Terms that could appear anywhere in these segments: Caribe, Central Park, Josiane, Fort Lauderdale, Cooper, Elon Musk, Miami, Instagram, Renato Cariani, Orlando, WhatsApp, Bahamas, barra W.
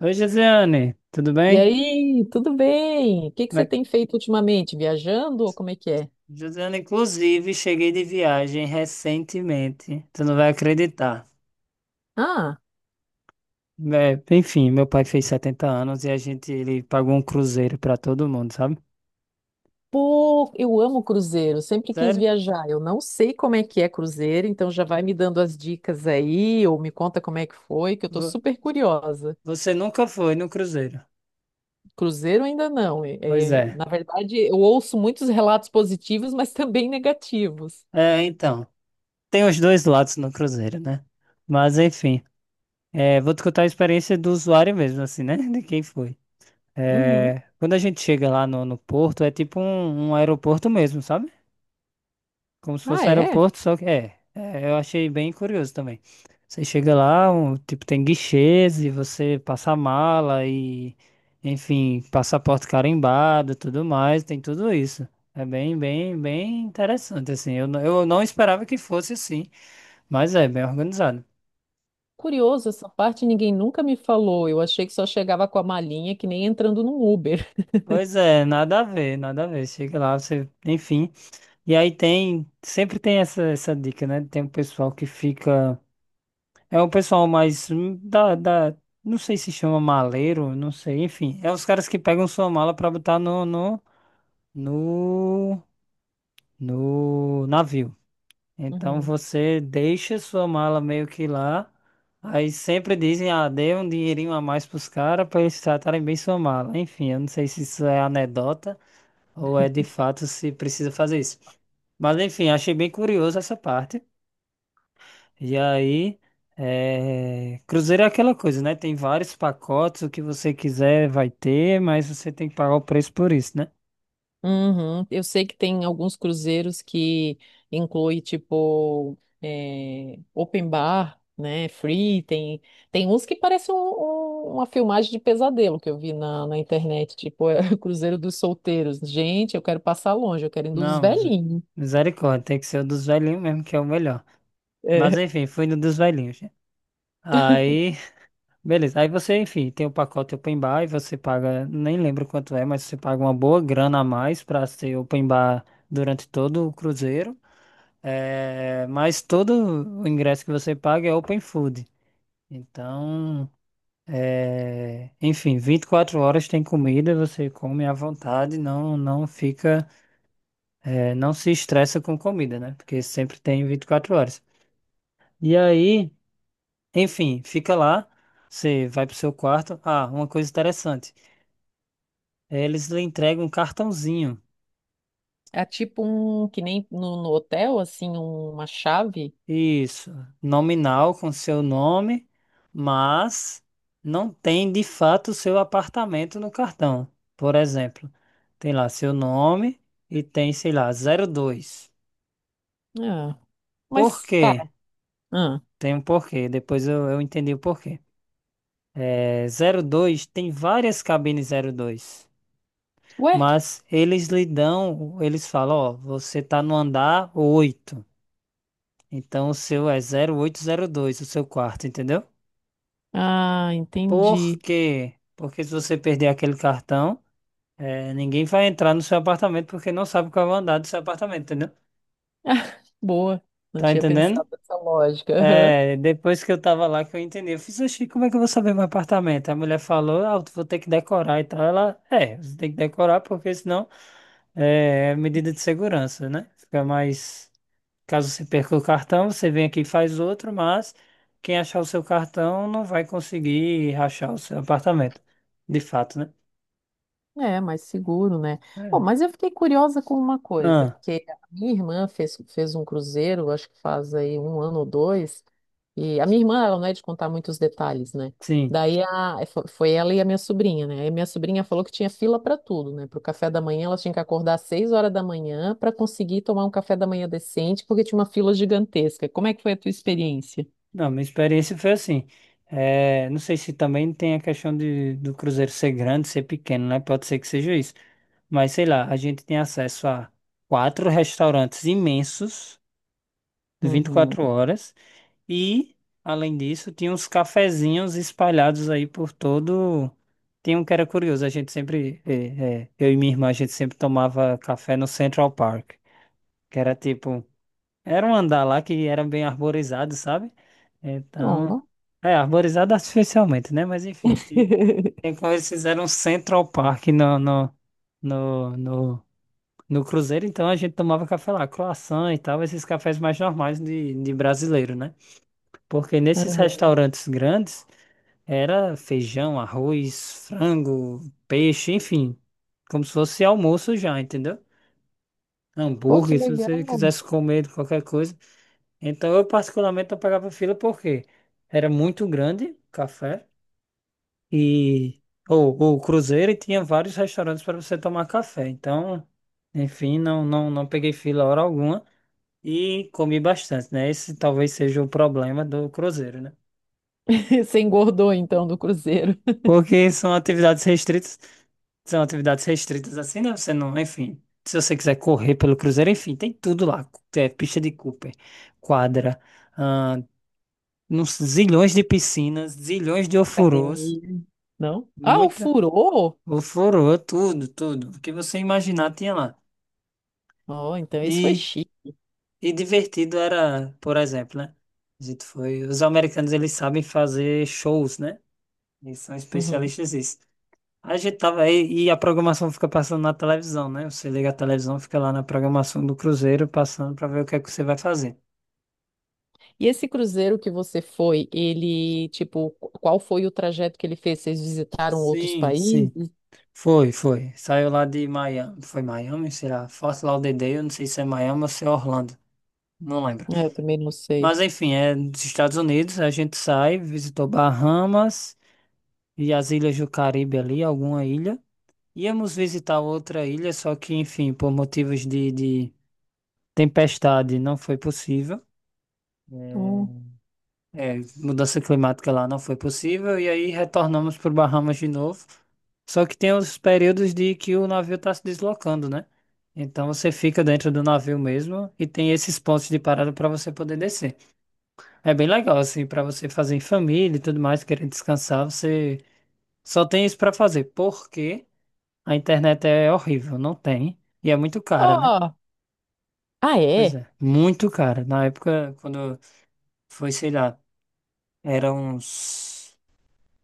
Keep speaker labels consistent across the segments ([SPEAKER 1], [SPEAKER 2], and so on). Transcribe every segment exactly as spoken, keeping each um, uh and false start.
[SPEAKER 1] Oi, Josiane, tudo
[SPEAKER 2] E
[SPEAKER 1] bem?
[SPEAKER 2] aí, tudo bem? O que que
[SPEAKER 1] Como
[SPEAKER 2] você
[SPEAKER 1] é-
[SPEAKER 2] tem feito ultimamente? Viajando ou como é que é?
[SPEAKER 1] Josiane, inclusive, cheguei de viagem recentemente. Tu não vai acreditar.
[SPEAKER 2] Ah,
[SPEAKER 1] É, enfim, meu pai fez setenta anos e a gente, ele pagou um cruzeiro pra todo mundo, sabe?
[SPEAKER 2] pô, eu amo cruzeiro, sempre quis
[SPEAKER 1] Sério?
[SPEAKER 2] viajar. Eu não sei como é que é cruzeiro, então já vai me dando as dicas aí, ou me conta como é que foi, que eu tô
[SPEAKER 1] Vo-
[SPEAKER 2] super curiosa.
[SPEAKER 1] Você nunca foi no cruzeiro?
[SPEAKER 2] Cruzeiro ainda não. É,
[SPEAKER 1] Pois
[SPEAKER 2] é,
[SPEAKER 1] é.
[SPEAKER 2] na verdade, eu ouço muitos relatos positivos, mas também negativos.
[SPEAKER 1] É, então, tem os dois lados no cruzeiro, né? Mas, enfim, é, vou te contar a experiência do usuário mesmo, assim, né? De quem foi.
[SPEAKER 2] Uhum.
[SPEAKER 1] É, quando a gente chega lá no, no porto, é tipo um um aeroporto mesmo, sabe? Como se
[SPEAKER 2] Ah,
[SPEAKER 1] fosse um
[SPEAKER 2] é?
[SPEAKER 1] aeroporto, só que é, é, eu achei bem curioso também. Você chega lá, um, tipo, tem guichês e você passa a mala e, enfim, passaporte carimbado, tudo mais, tem tudo isso. É bem, bem, bem interessante, assim. Eu, não- eu não esperava que fosse assim, mas é bem organizado.
[SPEAKER 2] Curioso, essa parte ninguém nunca me falou. Eu achei que só chegava com a malinha, que nem entrando num Uber.
[SPEAKER 1] Pois é, nada a ver, nada a ver. Chega lá, você, enfim. E aí tem, sempre tem essa, essa dica, né? Tem um pessoal que fica. É o pessoal mais hum, da, da, não sei se chama maleiro, não sei, enfim, é os caras que pegam sua mala pra botar no, no, no, no navio. Então
[SPEAKER 2] Uhum.
[SPEAKER 1] você deixa sua mala meio que lá, aí sempre dizem, ah, dê um dinheirinho a mais pros caras pra eles tratarem bem sua mala. Enfim, eu não sei se isso é anedota ou é de fato se precisa fazer isso. Mas enfim, achei bem curioso essa parte. E aí, é, cruzeiro é aquela coisa, né? Tem vários pacotes, o que você quiser vai ter, mas você tem que pagar o preço por isso, né?
[SPEAKER 2] Uhum. Eu sei que tem alguns cruzeiros que inclui tipo eh, open bar, né? Free, tem, tem uns que parece um- um- uma filmagem de pesadelo que eu vi na, na internet, tipo é, o Cruzeiro dos Solteiros. Gente, eu quero passar longe, eu quero ir dos
[SPEAKER 1] Não, misa-
[SPEAKER 2] velhinhos.
[SPEAKER 1] misericórdia, tem que ser o dos velhinhos mesmo, que é o melhor. Mas
[SPEAKER 2] É,
[SPEAKER 1] enfim, fui no dos velhinhos, né? Aí, beleza. Aí você, enfim, tem o pacote open bar e você paga, nem lembro quanto é, mas você paga uma boa grana a mais pra ser open bar durante todo o cruzeiro. É, mas todo o ingresso que você paga é open food. Então. É, enfim, vinte e quatro horas tem comida, você come à vontade, não, não fica, é, não se estressa com comida, né? Porque sempre tem vinte e quatro horas. E aí, enfim, fica lá, você vai pro seu quarto. Ah, uma coisa interessante, é, eles lhe entregam um cartãozinho,
[SPEAKER 2] é tipo um que nem no, no hotel, assim, uma chave.
[SPEAKER 1] isso, nominal com seu nome, mas não tem de fato o seu apartamento no cartão. Por exemplo, tem lá seu nome e tem, sei lá, zero dois.
[SPEAKER 2] Ah,
[SPEAKER 1] Por
[SPEAKER 2] mas
[SPEAKER 1] quê?
[SPEAKER 2] tá. Ah.
[SPEAKER 1] Tem um porquê. Depois eu, eu entendi o porquê. É, zero dois tem várias cabines zero dois,
[SPEAKER 2] Ué?
[SPEAKER 1] mas eles lhe dão, eles falam, ó, você tá no andar oito, então o seu é zero zero oito zero dois o seu quarto, entendeu?
[SPEAKER 2] Ah,
[SPEAKER 1] Por
[SPEAKER 2] entendi.
[SPEAKER 1] quê? Porque se você perder aquele cartão, é, ninguém vai entrar no seu apartamento porque não sabe qual é o andar do seu apartamento, entendeu?
[SPEAKER 2] Boa. Não
[SPEAKER 1] Tá
[SPEAKER 2] tinha
[SPEAKER 1] entendendo?
[SPEAKER 2] pensado nessa lógica. Aham.
[SPEAKER 1] É, depois que eu tava lá que eu entendi. Eu fiz, oxi, como é que eu vou saber meu apartamento? A mulher falou, ah, eu vou ter que decorar e tal. Ela, é, você tem que decorar porque senão é é medida de segurança, né? Fica mais. Caso você perca o cartão, você vem aqui e faz outro, mas quem achar o seu cartão não vai conseguir rachar o seu apartamento. De fato, né?
[SPEAKER 2] É, mais seguro, né? Bom,
[SPEAKER 1] É.
[SPEAKER 2] mas eu fiquei curiosa com uma coisa,
[SPEAKER 1] Ah,
[SPEAKER 2] porque a minha irmã fez, fez um cruzeiro, acho que faz aí um ano ou dois, e a minha irmã, ela não é de contar muitos detalhes, né?
[SPEAKER 1] sim.
[SPEAKER 2] Daí a, é, fo- foi ela e a minha sobrinha, né? Aí a minha sobrinha falou que tinha fila para tudo, né? Para o café da manhã, ela tinha que acordar às seis horas da manhã para conseguir tomar um café da manhã decente, porque tinha uma fila gigantesca. Como é que foi a tua experiência?
[SPEAKER 1] Não, minha experiência foi assim. É, não sei se também tem a questão de, do cruzeiro ser grande, ser pequeno, né? Pode ser que seja isso. Mas sei lá, a gente tem acesso a quatro restaurantes imensos, de vinte e
[SPEAKER 2] Uhum.
[SPEAKER 1] quatro horas, e, além disso, tinha uns cafezinhos espalhados aí por todo. Tinha um que era curioso, a gente sempre, é, é, eu e minha irmã, a gente sempre tomava café no Central Park, que era tipo. Era um andar lá que era bem arborizado, sabe? Então,
[SPEAKER 2] Ó.
[SPEAKER 1] é, arborizado artificialmente, né? Mas enfim, ti- tem como eles fizeram um Central Park no, no, no, no, no Cruzeiro, então a gente tomava café lá, croissant e tal, esses cafés mais normais de, de brasileiro, né? Porque nesses
[SPEAKER 2] Uhum.
[SPEAKER 1] restaurantes grandes era feijão, arroz, frango, peixe, enfim, como se fosse almoço já, entendeu?
[SPEAKER 2] Pô, que
[SPEAKER 1] Hambúrguer, se você
[SPEAKER 2] legal.
[SPEAKER 1] quisesse comer qualquer coisa. Então eu particularmente não pegava fila porque era muito grande o café e ou ou o cruzeiro e tinha vários restaurantes para você tomar café. Então, enfim, não não não peguei fila hora alguma e comi bastante, né? Esse talvez seja o problema do cruzeiro, né?
[SPEAKER 2] Você engordou então do cruzeiro.
[SPEAKER 1] Porque são atividades restritas, são atividades restritas assim, né? Você não, enfim, se você quiser correr pelo cruzeiro, enfim, tem tudo lá, é pista de Cooper, quadra, ah, nos zilhões de piscinas, zilhões de ofurôs,
[SPEAKER 2] Academia. Não? Ah, o
[SPEAKER 1] muita
[SPEAKER 2] furou.
[SPEAKER 1] ofurô, tudo, tudo. O que você imaginar tinha lá.
[SPEAKER 2] Ó, então isso foi
[SPEAKER 1] E,
[SPEAKER 2] chique.
[SPEAKER 1] e divertido era, por exemplo, né? A gente foi, os americanos eles sabem fazer shows, né? Eles são
[SPEAKER 2] Uhum.
[SPEAKER 1] especialistas nisso. A gente tava aí e a programação fica passando na televisão, né? Você liga a televisão, fica lá na programação do Cruzeiro passando para ver o que é que você vai fazer.
[SPEAKER 2] E esse cruzeiro que você foi, ele, tipo, qu- qual foi o trajeto que ele fez? Vocês visitaram outros
[SPEAKER 1] Sim,
[SPEAKER 2] países?
[SPEAKER 1] sim. Foi, foi. Saiu lá de Miami. Foi Miami, será? Fort Lauderdale, eu não sei se é Miami ou se é Orlando. Não lembro.
[SPEAKER 2] Ah, eu também não sei.
[SPEAKER 1] Mas enfim, é dos Estados Unidos. A gente sai, visitou Bahamas e as ilhas do Caribe ali, alguma ilha. Íamos visitar outra ilha, só que, enfim, por motivos de, de tempestade não foi possível.
[SPEAKER 2] Hum.
[SPEAKER 1] É, É, mudança climática lá não foi possível, e aí retornamos para Bahamas de novo. Só que tem os períodos de que o navio está se deslocando, né? Então você fica dentro do navio mesmo e tem esses pontos de parada para você poder descer. É bem legal, assim, para você fazer em família e tudo mais, querendo descansar, você só tem isso para fazer, porque a internet é horrível, não tem, e é muito cara, né?
[SPEAKER 2] Ó, ah,
[SPEAKER 1] Pois
[SPEAKER 2] é?
[SPEAKER 1] é, muito cara. Na época, quando foi, sei lá, era uns,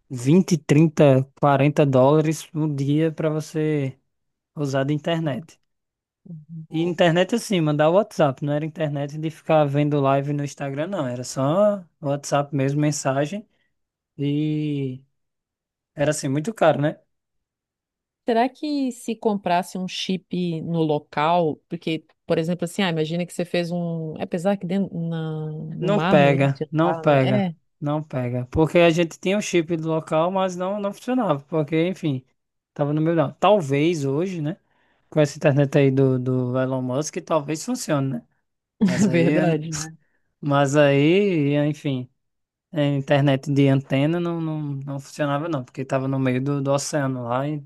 [SPEAKER 1] vinte, trinta, quarenta dólares no dia para você usar de internet. E
[SPEAKER 2] Ó.
[SPEAKER 1] internet assim, mandar WhatsApp, não era internet de ficar vendo live no Instagram, não. Era só WhatsApp mesmo, mensagem. E era assim, muito caro, né?
[SPEAKER 2] Será que se comprasse um chip no local, porque, por exemplo, assim, ah, imagina que você fez um, apesar que dentro na, no
[SPEAKER 1] Não
[SPEAKER 2] mar não ia
[SPEAKER 1] pega, não
[SPEAKER 2] adiantar, né?
[SPEAKER 1] pega,
[SPEAKER 2] É,
[SPEAKER 1] não pega. Porque a gente tinha o chip do local, mas não, não funcionava. Porque, enfim, tava no meu. Não. Talvez hoje, né? Com essa internet aí do, do Elon Musk, talvez funcione, né? Mas aí.
[SPEAKER 2] verdade, né?
[SPEAKER 1] Mas aí, enfim, a internet de antena não, não, não funcionava não, porque estava no meio do, do oceano lá e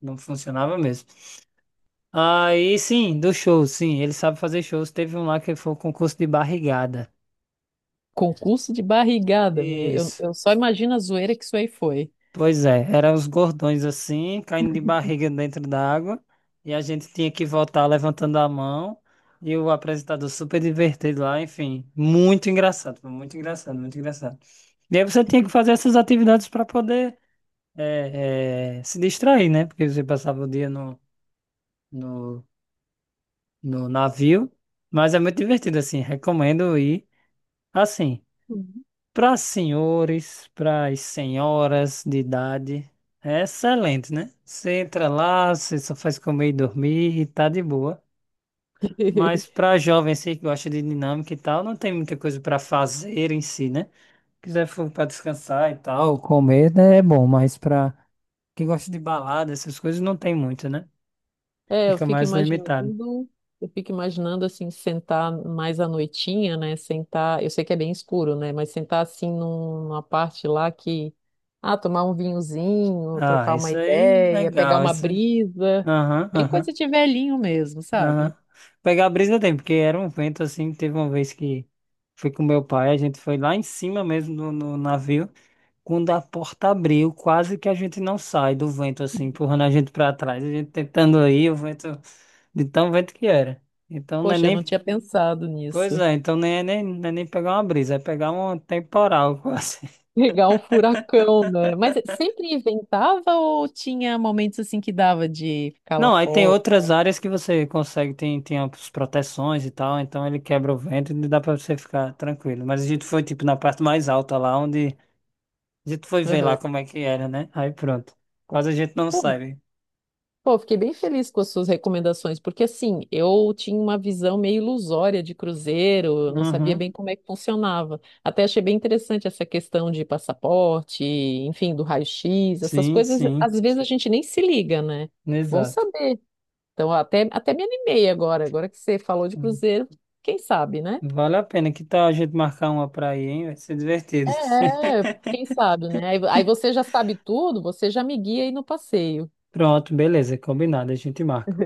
[SPEAKER 1] não funcionava mesmo. Aí sim, do show, sim, ele sabe fazer shows. Teve um lá que foi o concurso de barrigada.
[SPEAKER 2] Concurso de barrigada. Meu, Eu,
[SPEAKER 1] Isso.
[SPEAKER 2] eu só imagino a zoeira que isso aí foi.
[SPEAKER 1] Pois é, eram os gordões assim, caindo de barriga dentro da água, e a gente tinha que voltar levantando a mão, e o apresentador super divertido lá, enfim, muito engraçado, muito engraçado, muito engraçado. E aí você tinha que fazer essas atividades para poder é, é, se distrair, né? Porque você passava o dia no, no, no navio, mas é muito divertido, assim, recomendo ir, assim,
[SPEAKER 2] Uhum.
[SPEAKER 1] para senhores, para as senhoras de idade, é excelente, né? Você entra lá, você só faz comer e dormir e tá de boa, mas para jovens assim, que gosta de dinâmica e tal, não tem muita coisa para fazer em si, né? Quiser for para descansar e tal, comer, né, é bom, mas para quem gosta de balada, essas coisas, não tem muito, né?
[SPEAKER 2] É, eu
[SPEAKER 1] Fica
[SPEAKER 2] fico
[SPEAKER 1] mais limitado.
[SPEAKER 2] imaginando, eu fico imaginando assim, sentar mais à noitinha, né? Sentar, eu sei que é bem escuro, né? Mas sentar assim num- numa parte lá que, ah, tomar um vinhozinho,
[SPEAKER 1] Ah,
[SPEAKER 2] trocar uma
[SPEAKER 1] isso aí,
[SPEAKER 2] ideia, pegar
[SPEAKER 1] legal.
[SPEAKER 2] uma
[SPEAKER 1] Isso... aí.
[SPEAKER 2] brisa,
[SPEAKER 1] Aham,
[SPEAKER 2] bem coisa
[SPEAKER 1] aham,
[SPEAKER 2] de velhinho mesmo,
[SPEAKER 1] aham.
[SPEAKER 2] sabe?
[SPEAKER 1] Pegar a brisa tem, porque era um vento assim. Teve uma vez que fui com meu pai, a gente foi lá em cima mesmo no, no navio. Quando a porta abriu, quase que a gente não sai do vento assim, empurrando a gente pra trás. A gente tentando ir, o vento, de tão vento que era. Então não é
[SPEAKER 2] Poxa, eu não
[SPEAKER 1] nem.
[SPEAKER 2] tinha pensado
[SPEAKER 1] Pois
[SPEAKER 2] nisso.
[SPEAKER 1] é, então nem é nem, não é nem pegar uma brisa, é pegar um temporal quase.
[SPEAKER 2] Pegar um furacão, né? Mas sempre inventava ou tinha momentos assim que dava de ficar lá
[SPEAKER 1] Não, aí tem
[SPEAKER 2] fora?
[SPEAKER 1] outras áreas que você consegue, tem, tem as proteções e tal, então ele quebra o vento e dá pra você ficar tranquilo. Mas a gente foi, tipo, na parte mais alta lá, onde a gente foi ver lá
[SPEAKER 2] Aham.
[SPEAKER 1] como é que era, né? Aí pronto. Quase a gente não
[SPEAKER 2] Pô,
[SPEAKER 1] sabe.
[SPEAKER 2] pô, fiquei bem feliz com as suas recomendações, porque assim, eu tinha uma visão meio ilusória de cruzeiro, eu não sabia
[SPEAKER 1] Uhum.
[SPEAKER 2] bem como é que funcionava. Até achei bem interessante essa questão de passaporte, enfim, do raio-x, essas
[SPEAKER 1] Sim,
[SPEAKER 2] coisas,
[SPEAKER 1] sim,
[SPEAKER 2] às vezes a gente nem se liga, né? Bom
[SPEAKER 1] exato.
[SPEAKER 2] saber. Então, até, até me animei agora, agora que você falou de
[SPEAKER 1] Uhum.
[SPEAKER 2] cruzeiro, quem sabe, né?
[SPEAKER 1] Vale a pena. Que tal a gente marcar uma pra ir, hein? Vai ser divertido.
[SPEAKER 2] É, é, quem sabe, né? Aí aí você já sabe tudo, você já me guia aí no passeio.
[SPEAKER 1] Pronto, beleza, combinado, a gente marca.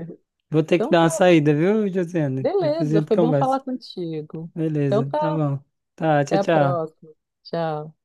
[SPEAKER 1] Vou ter que
[SPEAKER 2] Então
[SPEAKER 1] dar uma
[SPEAKER 2] tá,
[SPEAKER 1] saída, viu, Josiane? Depois a
[SPEAKER 2] beleza,
[SPEAKER 1] gente
[SPEAKER 2] foi bom
[SPEAKER 1] conversa.
[SPEAKER 2] falar contigo. Então
[SPEAKER 1] Beleza, tá
[SPEAKER 2] tá,
[SPEAKER 1] bom. Tá, tchau,
[SPEAKER 2] até a
[SPEAKER 1] tchau.
[SPEAKER 2] próxima. Tchau.